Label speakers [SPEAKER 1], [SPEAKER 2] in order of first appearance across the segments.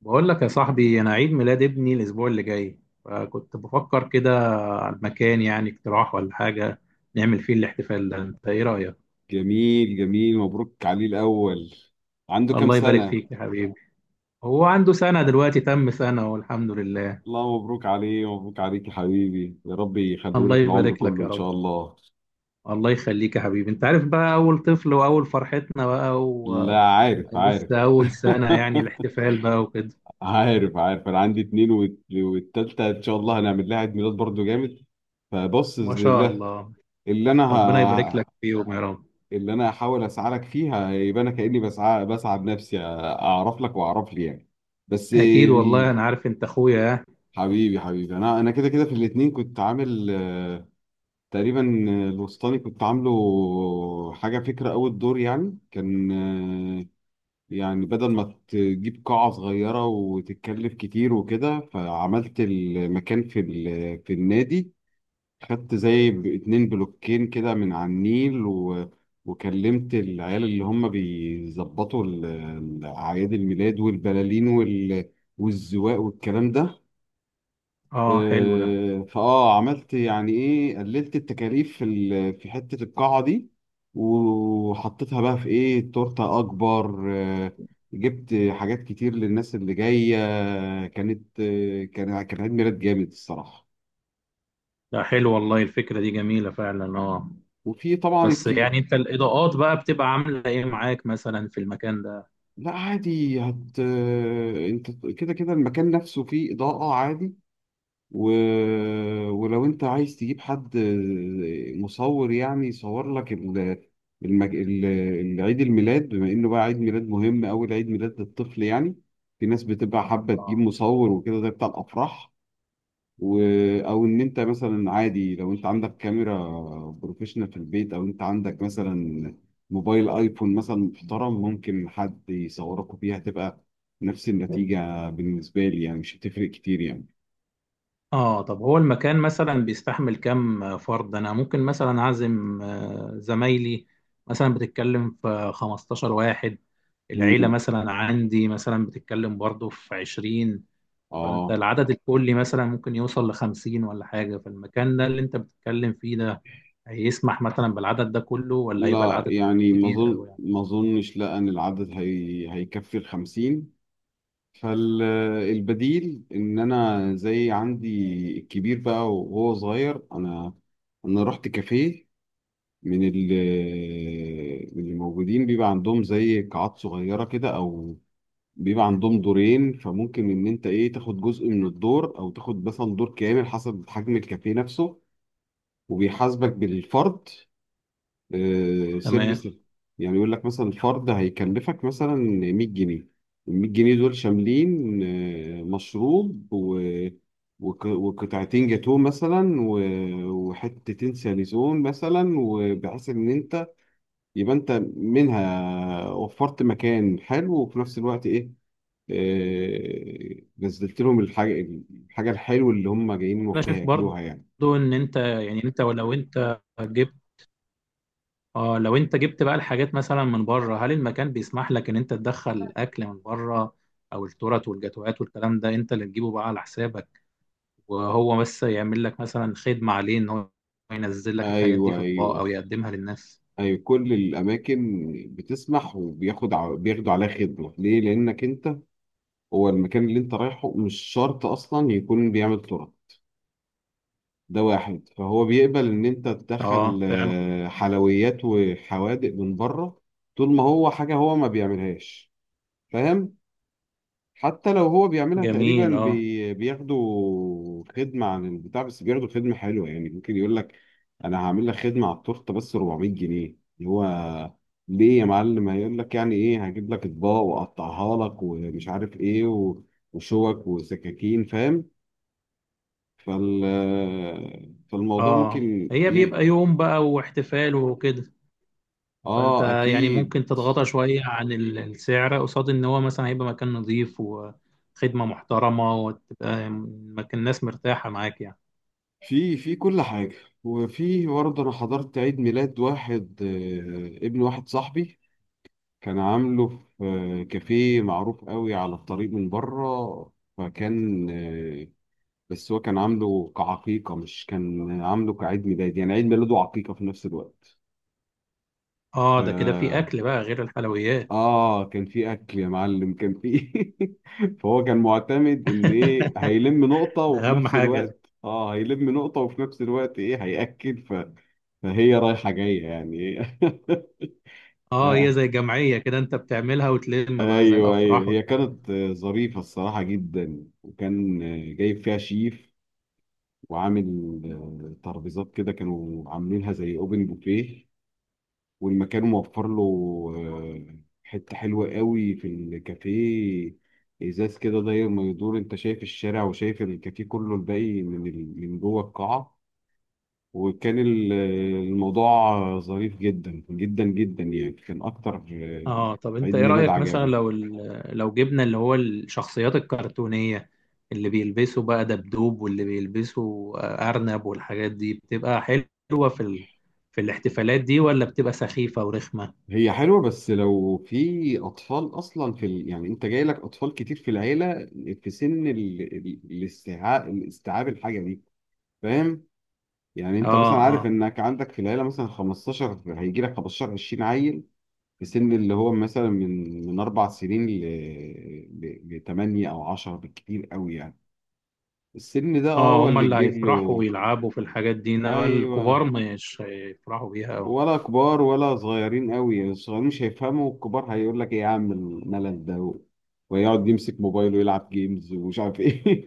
[SPEAKER 1] بقول لك يا صاحبي، انا عيد ميلاد ابني الاسبوع اللي جاي، فكنت بفكر كده على المكان، يعني اقتراح ولا حاجه نعمل فيه الاحتفال ده. انت ايه رايك؟
[SPEAKER 2] جميل جميل مبروك عليه الأول. عنده كام
[SPEAKER 1] الله يبارك
[SPEAKER 2] سنة؟
[SPEAKER 1] فيك يا حبيبي. هو عنده سنه دلوقتي، تم سنه والحمد لله.
[SPEAKER 2] الله مبروك عليه، مبروك عليك يا حبيبي، يا رب يخليه
[SPEAKER 1] الله
[SPEAKER 2] لك العمر
[SPEAKER 1] يبارك لك
[SPEAKER 2] كله
[SPEAKER 1] يا
[SPEAKER 2] إن
[SPEAKER 1] رب.
[SPEAKER 2] شاء الله.
[SPEAKER 1] الله يخليك يا حبيبي. انت عارف بقى اول طفل واول فرحتنا بقى،
[SPEAKER 2] لا عارف.
[SPEAKER 1] ولسه اول سنه يعني الاحتفال بقى وكده.
[SPEAKER 2] عارف. أنا عندي اتنين والتالتة إن شاء الله هنعمل لها عيد ميلاد برضه جامد. فبص
[SPEAKER 1] ما
[SPEAKER 2] بإذن
[SPEAKER 1] شاء
[SPEAKER 2] الله.
[SPEAKER 1] الله،
[SPEAKER 2] اللي أنا
[SPEAKER 1] ربنا يبارك لك
[SPEAKER 2] ه...
[SPEAKER 1] فيهم يا رب.
[SPEAKER 2] اللي أنا هحاول أسعى لك فيها، يبقى أنا كأني بسعى بنفسي أعرف لك وأعرف لي يعني. بس.
[SPEAKER 1] اكيد والله انا عارف، انت اخويا.
[SPEAKER 2] حبيبي حبيبي، انا كده في الاتنين كنت عامل تقريبا. الوسطاني كنت عامله حاجه فكره، اول دور يعني كان، يعني بدل ما تجيب قاعه صغيره وتتكلف كتير وكده، فعملت المكان في النادي. خدت زي 2 بلوكين كده من على النيل، و وكلمت العيال اللي هم بيظبطوا اعياد الميلاد والبلالين والزواق والكلام ده.
[SPEAKER 1] اه حلو ده.
[SPEAKER 2] آه، فاه عملت يعني ايه، قللت التكاليف في حته القاعه دي، وحطيتها بقى في ايه، تورته اكبر. جبت حاجات كتير للناس اللي جايه. كانت كان عيد ميلاد جامد الصراحه.
[SPEAKER 1] لا حلو والله، الفكرة دي جميلة فعلا، اه.
[SPEAKER 2] وفي طبعا
[SPEAKER 1] بس
[SPEAKER 2] الكيك.
[SPEAKER 1] يعني انت الإضاءات بقى بتبقى عاملة ايه معاك مثلا في المكان ده؟
[SPEAKER 2] لا عادي هت آه، انت كده المكان نفسه فيه اضاءه عادي. و... ولو انت عايز تجيب حد مصور يعني يصور لك المج... ال- العيد الميلاد، بما انه بقى عيد ميلاد مهم، اول عيد ميلاد للطفل يعني، في ناس بتبقى حابة تجيب مصور وكده، ده بتاع الافراح. و... او ان انت مثلا عادي لو انت عندك كاميرا بروفيشنال في البيت، او انت عندك مثلا موبايل ايفون مثلا محترم، ممكن حد يصوركوا بيها، تبقى نفس النتيجة بالنسبة لي يعني، مش هتفرق كتير يعني.
[SPEAKER 1] اه، طب هو المكان مثلا بيستحمل كام فرد؟ انا ممكن مثلا اعزم زمايلي، مثلا بتتكلم في 15 واحد، العيلة
[SPEAKER 2] مم.
[SPEAKER 1] مثلا عندي مثلا بتتكلم برضو في 20، فانت
[SPEAKER 2] اه.
[SPEAKER 1] العدد الكلي مثلا ممكن يوصل ل 50 ولا حاجة. فالمكان ده اللي انت بتتكلم فيه ده هيسمح مثلا بالعدد ده كله، ولا هيبقى
[SPEAKER 2] لا
[SPEAKER 1] العدد
[SPEAKER 2] يعني
[SPEAKER 1] كبير قوي يعني؟
[SPEAKER 2] ما اظنش لا، ان العدد هيكفي الخمسين. فالبديل ان انا زي عندي الكبير بقى وهو صغير، انا رحت كافيه. من ال من الموجودين بيبقى عندهم زي قاعات صغيره كده، او بيبقى عندهم دورين، فممكن ان انت ايه، تاخد جزء من الدور او تاخد مثلا دور كامل حسب حجم الكافيه نفسه. وبيحاسبك بالفرد
[SPEAKER 1] تمام.
[SPEAKER 2] سيرفيس. يعني يقول لك مثلا الفرد هيكلفك مثلا 100 جنيه. ال 100 جنيه دول شاملين مشروب، و... وقطعتين جاتوه مثلا، و... وحتتين ساليزون مثلا، وبحيث ان انت يبقى انت منها وفرت مكان حلو، وفي نفس الوقت ايه، نزلت لهم الحاجة، الحاجة الحلوة اللي هم جايين
[SPEAKER 1] انا
[SPEAKER 2] وقتها
[SPEAKER 1] شايف برضو
[SPEAKER 2] ياكلوها يعني.
[SPEAKER 1] ان انت يعني، انت ولو انت جبت، اه لو انت جبت بقى الحاجات مثلا من بره، هل المكان بيسمح لك ان انت تدخل اكل من بره؟ او التورت والجاتوهات والكلام ده انت اللي تجيبه بقى على حسابك، وهو بس يعمل لك مثلا خدمة عليه ان هو ينزل لك الحاجات دي
[SPEAKER 2] ايوه
[SPEAKER 1] في اطباق او
[SPEAKER 2] ايوه.
[SPEAKER 1] يقدمها للناس.
[SPEAKER 2] أي كل الأماكن بتسمح، بياخدوا عليها خدمة. ليه؟ لأنك أنت، هو المكان اللي أنت رايحه مش شرط أصلا يكون بيعمل تراب. ده واحد. فهو بيقبل إن أنت
[SPEAKER 1] اه
[SPEAKER 2] تدخل
[SPEAKER 1] فعلا.
[SPEAKER 2] حلويات وحوادق من بره. طول ما هو حاجة هو ما بيعملهاش. فاهم؟ حتى لو هو بيعملها تقريبا
[SPEAKER 1] جميل اه.
[SPEAKER 2] بياخدوا خدمة عن البتاع، بس بياخدوا خدمة حلوة يعني. ممكن يقول لك أنا هعمل لك خدمة على التورتة بس 400 جنيه، اللي هو ليه يا معلم؟ هيقول لك يعني إيه، هجيب لك أطباق وأقطعها لك، ومش عارف إيه، و... وشوك وسكاكين فاهم. فال... فالموضوع
[SPEAKER 1] اه
[SPEAKER 2] ممكن
[SPEAKER 1] هي بيبقى يوم بقى واحتفال وكده، فانت
[SPEAKER 2] آه
[SPEAKER 1] يعني
[SPEAKER 2] أكيد.
[SPEAKER 1] ممكن تتغاضى شويه عن السعر قصاد ان هو مثلا هيبقى مكان نظيف وخدمه محترمه، وتبقى مكان الناس مرتاحه معاك يعني.
[SPEAKER 2] في كل حاجة. وفي برضه أنا حضرت عيد ميلاد واحد، ابن واحد صاحبي. كان عامله في كافيه معروف قوي على الطريق من بره. فكان بس هو كان عامله كعقيقة، مش كان عامله كعيد ميلاد يعني، عيد ميلاده وعقيقة في نفس الوقت.
[SPEAKER 1] اه ده كده في
[SPEAKER 2] ف
[SPEAKER 1] اكل بقى غير الحلويات.
[SPEAKER 2] آه كان في أكل يا معلم، كان في فهو كان معتمد إن إيه، هيلم نقطة
[SPEAKER 1] ده
[SPEAKER 2] وفي
[SPEAKER 1] اهم
[SPEAKER 2] نفس
[SPEAKER 1] حاجه دي.
[SPEAKER 2] الوقت هيلم نقطة وفي نفس الوقت إيه هيأكل فهي رايحة جاية يعني.
[SPEAKER 1] اه هي
[SPEAKER 2] إيه.
[SPEAKER 1] زي جمعيه كده انت بتعملها وتلم بقى زي
[SPEAKER 2] ايوه ايوه.
[SPEAKER 1] الافراح
[SPEAKER 2] هي
[SPEAKER 1] والكلام.
[SPEAKER 2] كانت ظريفه الصراحه جدا. وكان جايب فيها شيف، وعامل ترابيزات كده، كانوا عاملينها زي اوبن بوفيه. والمكان موفر له آه، حته حلوه قوي في الكافيه. ازاز كده داير ما يدور، انت شايف الشارع، وشايف الكافيه كله الباقي من جوه القاعه. وكان الموضوع ظريف جدا جدا جدا يعني. كان اكتر
[SPEAKER 1] اه طب انت
[SPEAKER 2] عيد
[SPEAKER 1] ايه
[SPEAKER 2] ميلاد
[SPEAKER 1] رأيك مثلا
[SPEAKER 2] عجبني.
[SPEAKER 1] لو لو جبنا اللي هو الشخصيات الكرتونية، اللي بيلبسوا بقى دبدوب واللي بيلبسوا أرنب والحاجات دي، بتبقى حلوة في في الاحتفالات دي، ولا بتبقى سخيفة ورخمة؟
[SPEAKER 2] هي حلوة بس لو في أطفال أصلا يعني أنت جاي لك أطفال كتير في العيلة، في سن الاستيعاب، الحاجة دي. فاهم؟ يعني أنت
[SPEAKER 1] اه،
[SPEAKER 2] مثلا
[SPEAKER 1] اه.
[SPEAKER 2] عارف إنك عندك في العيلة مثلا 15، هيجي لك 15 20 عيل في سن اللي هو مثلا من 4 سنين ل 8 أو 10 بالكتير قوي يعني. السن ده أه
[SPEAKER 1] اه
[SPEAKER 2] هو
[SPEAKER 1] هما
[SPEAKER 2] اللي
[SPEAKER 1] اللي
[SPEAKER 2] تجيب له.
[SPEAKER 1] هيفرحوا ويلعبوا في الحاجات دي، انما الكبار
[SPEAKER 2] أيوه.
[SPEAKER 1] مش هيفرحوا بيها أوي.
[SPEAKER 2] ولا كبار ولا صغيرين قوي يعني. الصغيرين مش هيفهموا، والكبار هيقول لك ايه يا عم، الملل ده، و- ويقعد يمسك موبايله ويلعب جيمز ومش عارف ايه.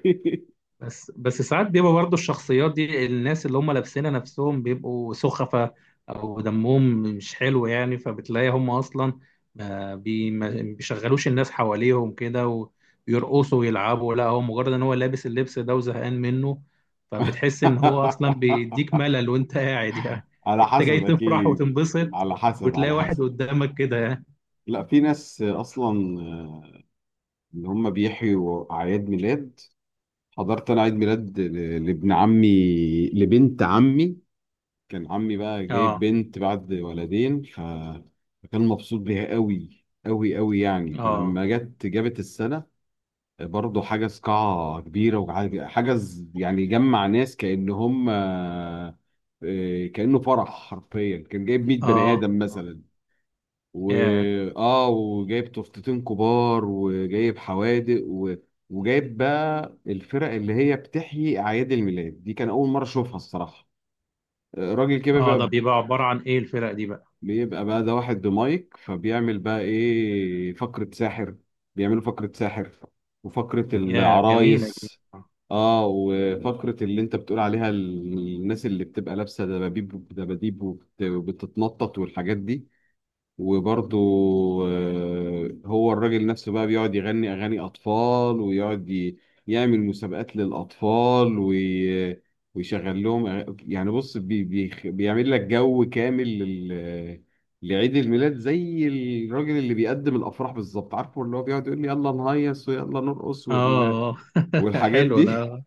[SPEAKER 1] بس بس ساعات بيبقى برضه الشخصيات دي، الناس اللي هم لابسينها نفسهم بيبقوا سخفة او دمهم مش حلو يعني، فبتلاقي هم اصلا ما بيشغلوش الناس حواليهم كده ويرقصوا ويلعبوا، لا هو مجرد ان هو لابس اللبس ده وزهقان منه، فبتحس ان هو اصلا بيديك ملل وانت قاعد يعني.
[SPEAKER 2] على
[SPEAKER 1] انت جاي
[SPEAKER 2] حسب
[SPEAKER 1] تفرح
[SPEAKER 2] اكيد،
[SPEAKER 1] وتنبسط،
[SPEAKER 2] على حسب
[SPEAKER 1] وتلاقي
[SPEAKER 2] على
[SPEAKER 1] واحد
[SPEAKER 2] حسب.
[SPEAKER 1] قدامك كده يعني.
[SPEAKER 2] لا في ناس اصلا اللي هم بيحيوا اعياد ميلاد. حضرت انا عيد ميلاد لابن عمي، لبنت عمي. كان عمي بقى جايب
[SPEAKER 1] اه،
[SPEAKER 2] بنت بعد ولدين فكان مبسوط بيها قوي قوي قوي يعني.
[SPEAKER 1] اه.
[SPEAKER 2] فلما جت جابت السنة، برضه حجز قاعة كبيرة، وحجز يعني جمع ناس كأن هم كأنه فرح حرفيا. كان جايب 100
[SPEAKER 1] اه،
[SPEAKER 2] بني آدم
[SPEAKER 1] اه.
[SPEAKER 2] مثلا. و
[SPEAKER 1] ياه.
[SPEAKER 2] اه وجايب تورتتين كبار وجايب حوادق، و... وجايب بقى الفرق اللي هي بتحيي أعياد الميلاد دي. كان أول مرة أشوفها الصراحة. راجل كده
[SPEAKER 1] اه ده
[SPEAKER 2] بقى،
[SPEAKER 1] بيبقى عبارة عن ايه الفرق دي بقى؟
[SPEAKER 2] بيبقى بقى ده واحد بمايك، فبيعمل بقى ايه فقرة ساحر. بيعملوا فقرة ساحر وفقرة
[SPEAKER 1] يا جميلة،
[SPEAKER 2] العرايس.
[SPEAKER 1] اه.
[SPEAKER 2] اه وفقرة اللي انت بتقول عليها الناس اللي بتبقى لابسة دباديب دباديب، وبتتنطط والحاجات دي. وبرضه هو الراجل نفسه بقى بيقعد يغني أغاني أطفال، ويقعد يعمل مسابقات للأطفال، ويشغل لهم يعني بص بي بيعمل لك جو كامل لعيد الميلاد، زي الراجل اللي بيقدم الأفراح بالظبط. عارفه اللي هو بيقعد يقول لي يلا نهيص ويلا نرقص
[SPEAKER 1] آه.
[SPEAKER 2] والحاجات
[SPEAKER 1] حلو
[SPEAKER 2] دي.
[SPEAKER 1] ده.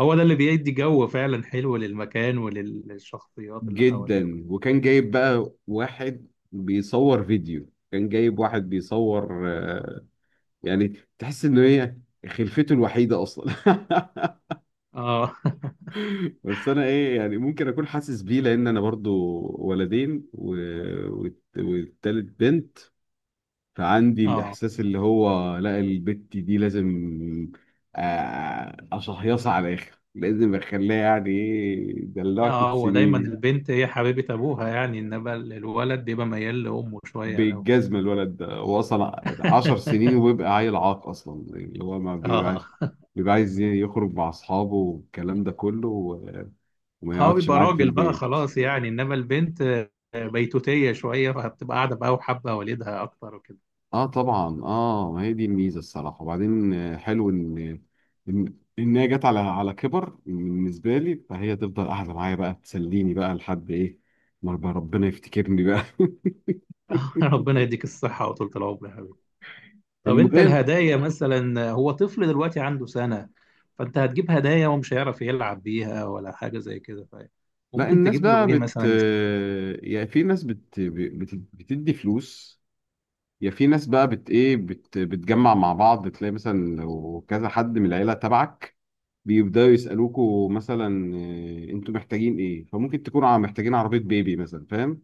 [SPEAKER 1] هو ده اللي بيدي جو فعلا حلو للمكان وللشخصيات اللي حواليه
[SPEAKER 2] جدا.
[SPEAKER 1] وكده.
[SPEAKER 2] وكان جايب بقى واحد بيصور فيديو، كان جايب واحد بيصور يعني تحس ان هي خلفته الوحيده اصلا.
[SPEAKER 1] اه.
[SPEAKER 2] بس انا ايه يعني، ممكن اكون حاسس بيه لان انا برضو ولدين و... والتالت بنت. فعندي
[SPEAKER 1] اه،
[SPEAKER 2] الاحساس اللي هو لا، البت دي لازم اشهيصها على الاخر، لازم اخليها يعني ايه دلعت
[SPEAKER 1] اه. هو دايما
[SPEAKER 2] سنين.
[SPEAKER 1] البنت هي حبيبة ابوها يعني، انما الولد بيبقى ميال لامه شوية الاول.
[SPEAKER 2] بالجزمة، الولد ده هو أصلا 10 سنين وبيبقى عيل عاق أصلا يعني، اللي هو ما بيبقاش،
[SPEAKER 1] اه.
[SPEAKER 2] بيبقى عايز يخرج مع أصحابه والكلام ده كله، و- وما
[SPEAKER 1] اه
[SPEAKER 2] يقعدش
[SPEAKER 1] بيبقى
[SPEAKER 2] معاك في
[SPEAKER 1] راجل بقى
[SPEAKER 2] البيت.
[SPEAKER 1] خلاص يعني، انما البنت بيتوتية شوية، فبتبقى قاعدة بقى وحابة والدها اكتر وكده.
[SPEAKER 2] اه طبعا، اه ما هي دي الميزه الصراحه. وبعدين حلو ان ان هي جت على على كبر بالنسبه لي، فهي تفضل قاعده معايا بقى تسليني بقى لحد ايه ما رب- ربنا يفتكرني بقى.
[SPEAKER 1] ربنا يديك الصحة وطولة العمر يا حبيبي. طب انت
[SPEAKER 2] المهم.
[SPEAKER 1] الهدايا مثلا، هو طفل دلوقتي عنده سنة، فانت هتجيب هدايا ومش هيعرف يلعب بيها ولا حاجة زي كده،
[SPEAKER 2] لا
[SPEAKER 1] فممكن
[SPEAKER 2] الناس
[SPEAKER 1] تجيب له
[SPEAKER 2] بقى
[SPEAKER 1] ايه
[SPEAKER 2] بت
[SPEAKER 1] مثلا يستفاد بيه؟
[SPEAKER 2] آه، يعني في ناس بتدي فلوس، يا في ناس بقى بت ايه بت بتجمع مع بعض. تلاقي مثلا لو كذا حد من العيله تبعك، بيبداوا يسالوكوا مثلا إيه، انتوا محتاجين ايه. فممكن تكونوا محتاجين عربيه بيبي مثلا، فاهم.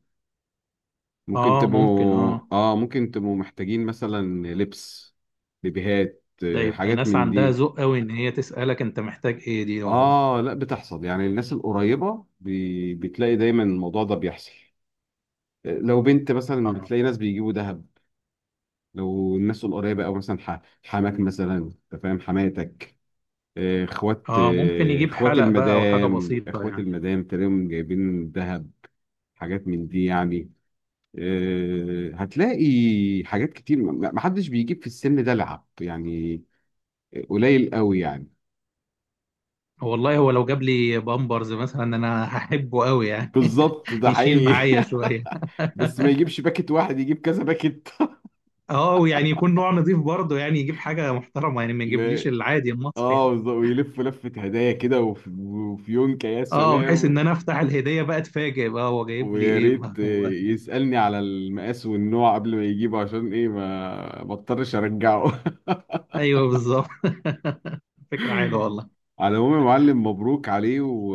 [SPEAKER 2] ممكن
[SPEAKER 1] اه ممكن،
[SPEAKER 2] تبقوا
[SPEAKER 1] اه.
[SPEAKER 2] اه، ممكن تبقوا محتاجين مثلا لبس، بيبيهات
[SPEAKER 1] ده
[SPEAKER 2] إيه،
[SPEAKER 1] يبقى
[SPEAKER 2] حاجات
[SPEAKER 1] ناس
[SPEAKER 2] من
[SPEAKER 1] عندها
[SPEAKER 2] دي.
[SPEAKER 1] ذوق قوي ان هي تسألك انت محتاج ايه دي، والله.
[SPEAKER 2] اه لا بتحصل يعني، الناس القريبه بتلاقي دايما الموضوع ده بيحصل. إيه، لو بنت مثلا
[SPEAKER 1] اه.
[SPEAKER 2] بتلاقي ناس بيجيبوا ذهب، لو الناس القريبه، او مثلا حماك مثلا، انت فاهم، حماتك اخوات
[SPEAKER 1] اه ممكن
[SPEAKER 2] آه،
[SPEAKER 1] يجيب
[SPEAKER 2] اخوات
[SPEAKER 1] حلق بقى او حاجة
[SPEAKER 2] المدام.
[SPEAKER 1] بسيطة
[SPEAKER 2] اخوات
[SPEAKER 1] يعني.
[SPEAKER 2] المدام تلاقيهم جايبين ذهب، حاجات من دي يعني. هتلاقي حاجات كتير، ما حدش بيجيب في السن ده لعب يعني، قليل قوي يعني.
[SPEAKER 1] والله هو لو جاب لي بامبرز مثلا انا هحبه قوي يعني،
[SPEAKER 2] بالظبط ده
[SPEAKER 1] يشيل
[SPEAKER 2] حقيقي.
[SPEAKER 1] معايا شوية.
[SPEAKER 2] بس ما يجيبش باكت واحد، يجيب كذا باكت.
[SPEAKER 1] اه، ويعني يكون نوع نظيف برضه، يعني يجيب حاجة محترمة يعني، ما يجيبليش
[SPEAKER 2] لا
[SPEAKER 1] العادي المصري
[SPEAKER 2] اه
[SPEAKER 1] يعني.
[SPEAKER 2] بالظبط، ويلف لفة هدايا كده، وفي يونكا يا
[SPEAKER 1] اه، بحيث ان
[SPEAKER 2] سلام.
[SPEAKER 1] انا افتح الهديه بقى اتفاجئ بقى هو جايب لي
[SPEAKER 2] ويا
[SPEAKER 1] ايه، ما
[SPEAKER 2] ريت
[SPEAKER 1] هو.
[SPEAKER 2] يسألني على المقاس والنوع قبل ما يجيبه عشان ايه، ما بضطرش ارجعه.
[SPEAKER 1] ايوه بالظبط. فكره حلوه والله.
[SPEAKER 2] على العموم يا معلم، مبروك عليه. و...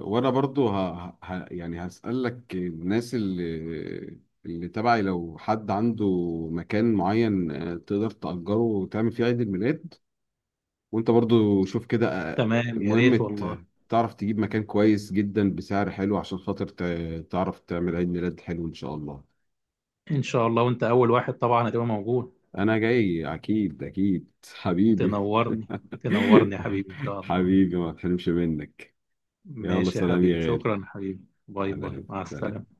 [SPEAKER 2] وانا برضو يعني هسألك، الناس اللي تبعي لو حد عنده مكان معين تقدر تأجره وتعمل فيه عيد الميلاد، وانت برضو شوف كده
[SPEAKER 1] تمام يا
[SPEAKER 2] المهم
[SPEAKER 1] ريت والله.
[SPEAKER 2] تعرف تجيب مكان كويس جدا بسعر حلو، عشان خاطر تعرف تعمل عيد ميلاد حلو ان شاء الله.
[SPEAKER 1] ان شاء الله، وانت اول واحد طبعا هتبقى موجود.
[SPEAKER 2] انا جاي اكيد اكيد حبيبي.
[SPEAKER 1] تنورني، تنورني يا حبيبي ان شاء الله.
[SPEAKER 2] حبيبي ما تحرمش منك. يلا
[SPEAKER 1] ماشي يا
[SPEAKER 2] سلام
[SPEAKER 1] حبيبي،
[SPEAKER 2] يا غالي.
[SPEAKER 1] شكرا يا حبيبي، باي باي،
[SPEAKER 2] سلام
[SPEAKER 1] مع
[SPEAKER 2] سلام.
[SPEAKER 1] السلامه.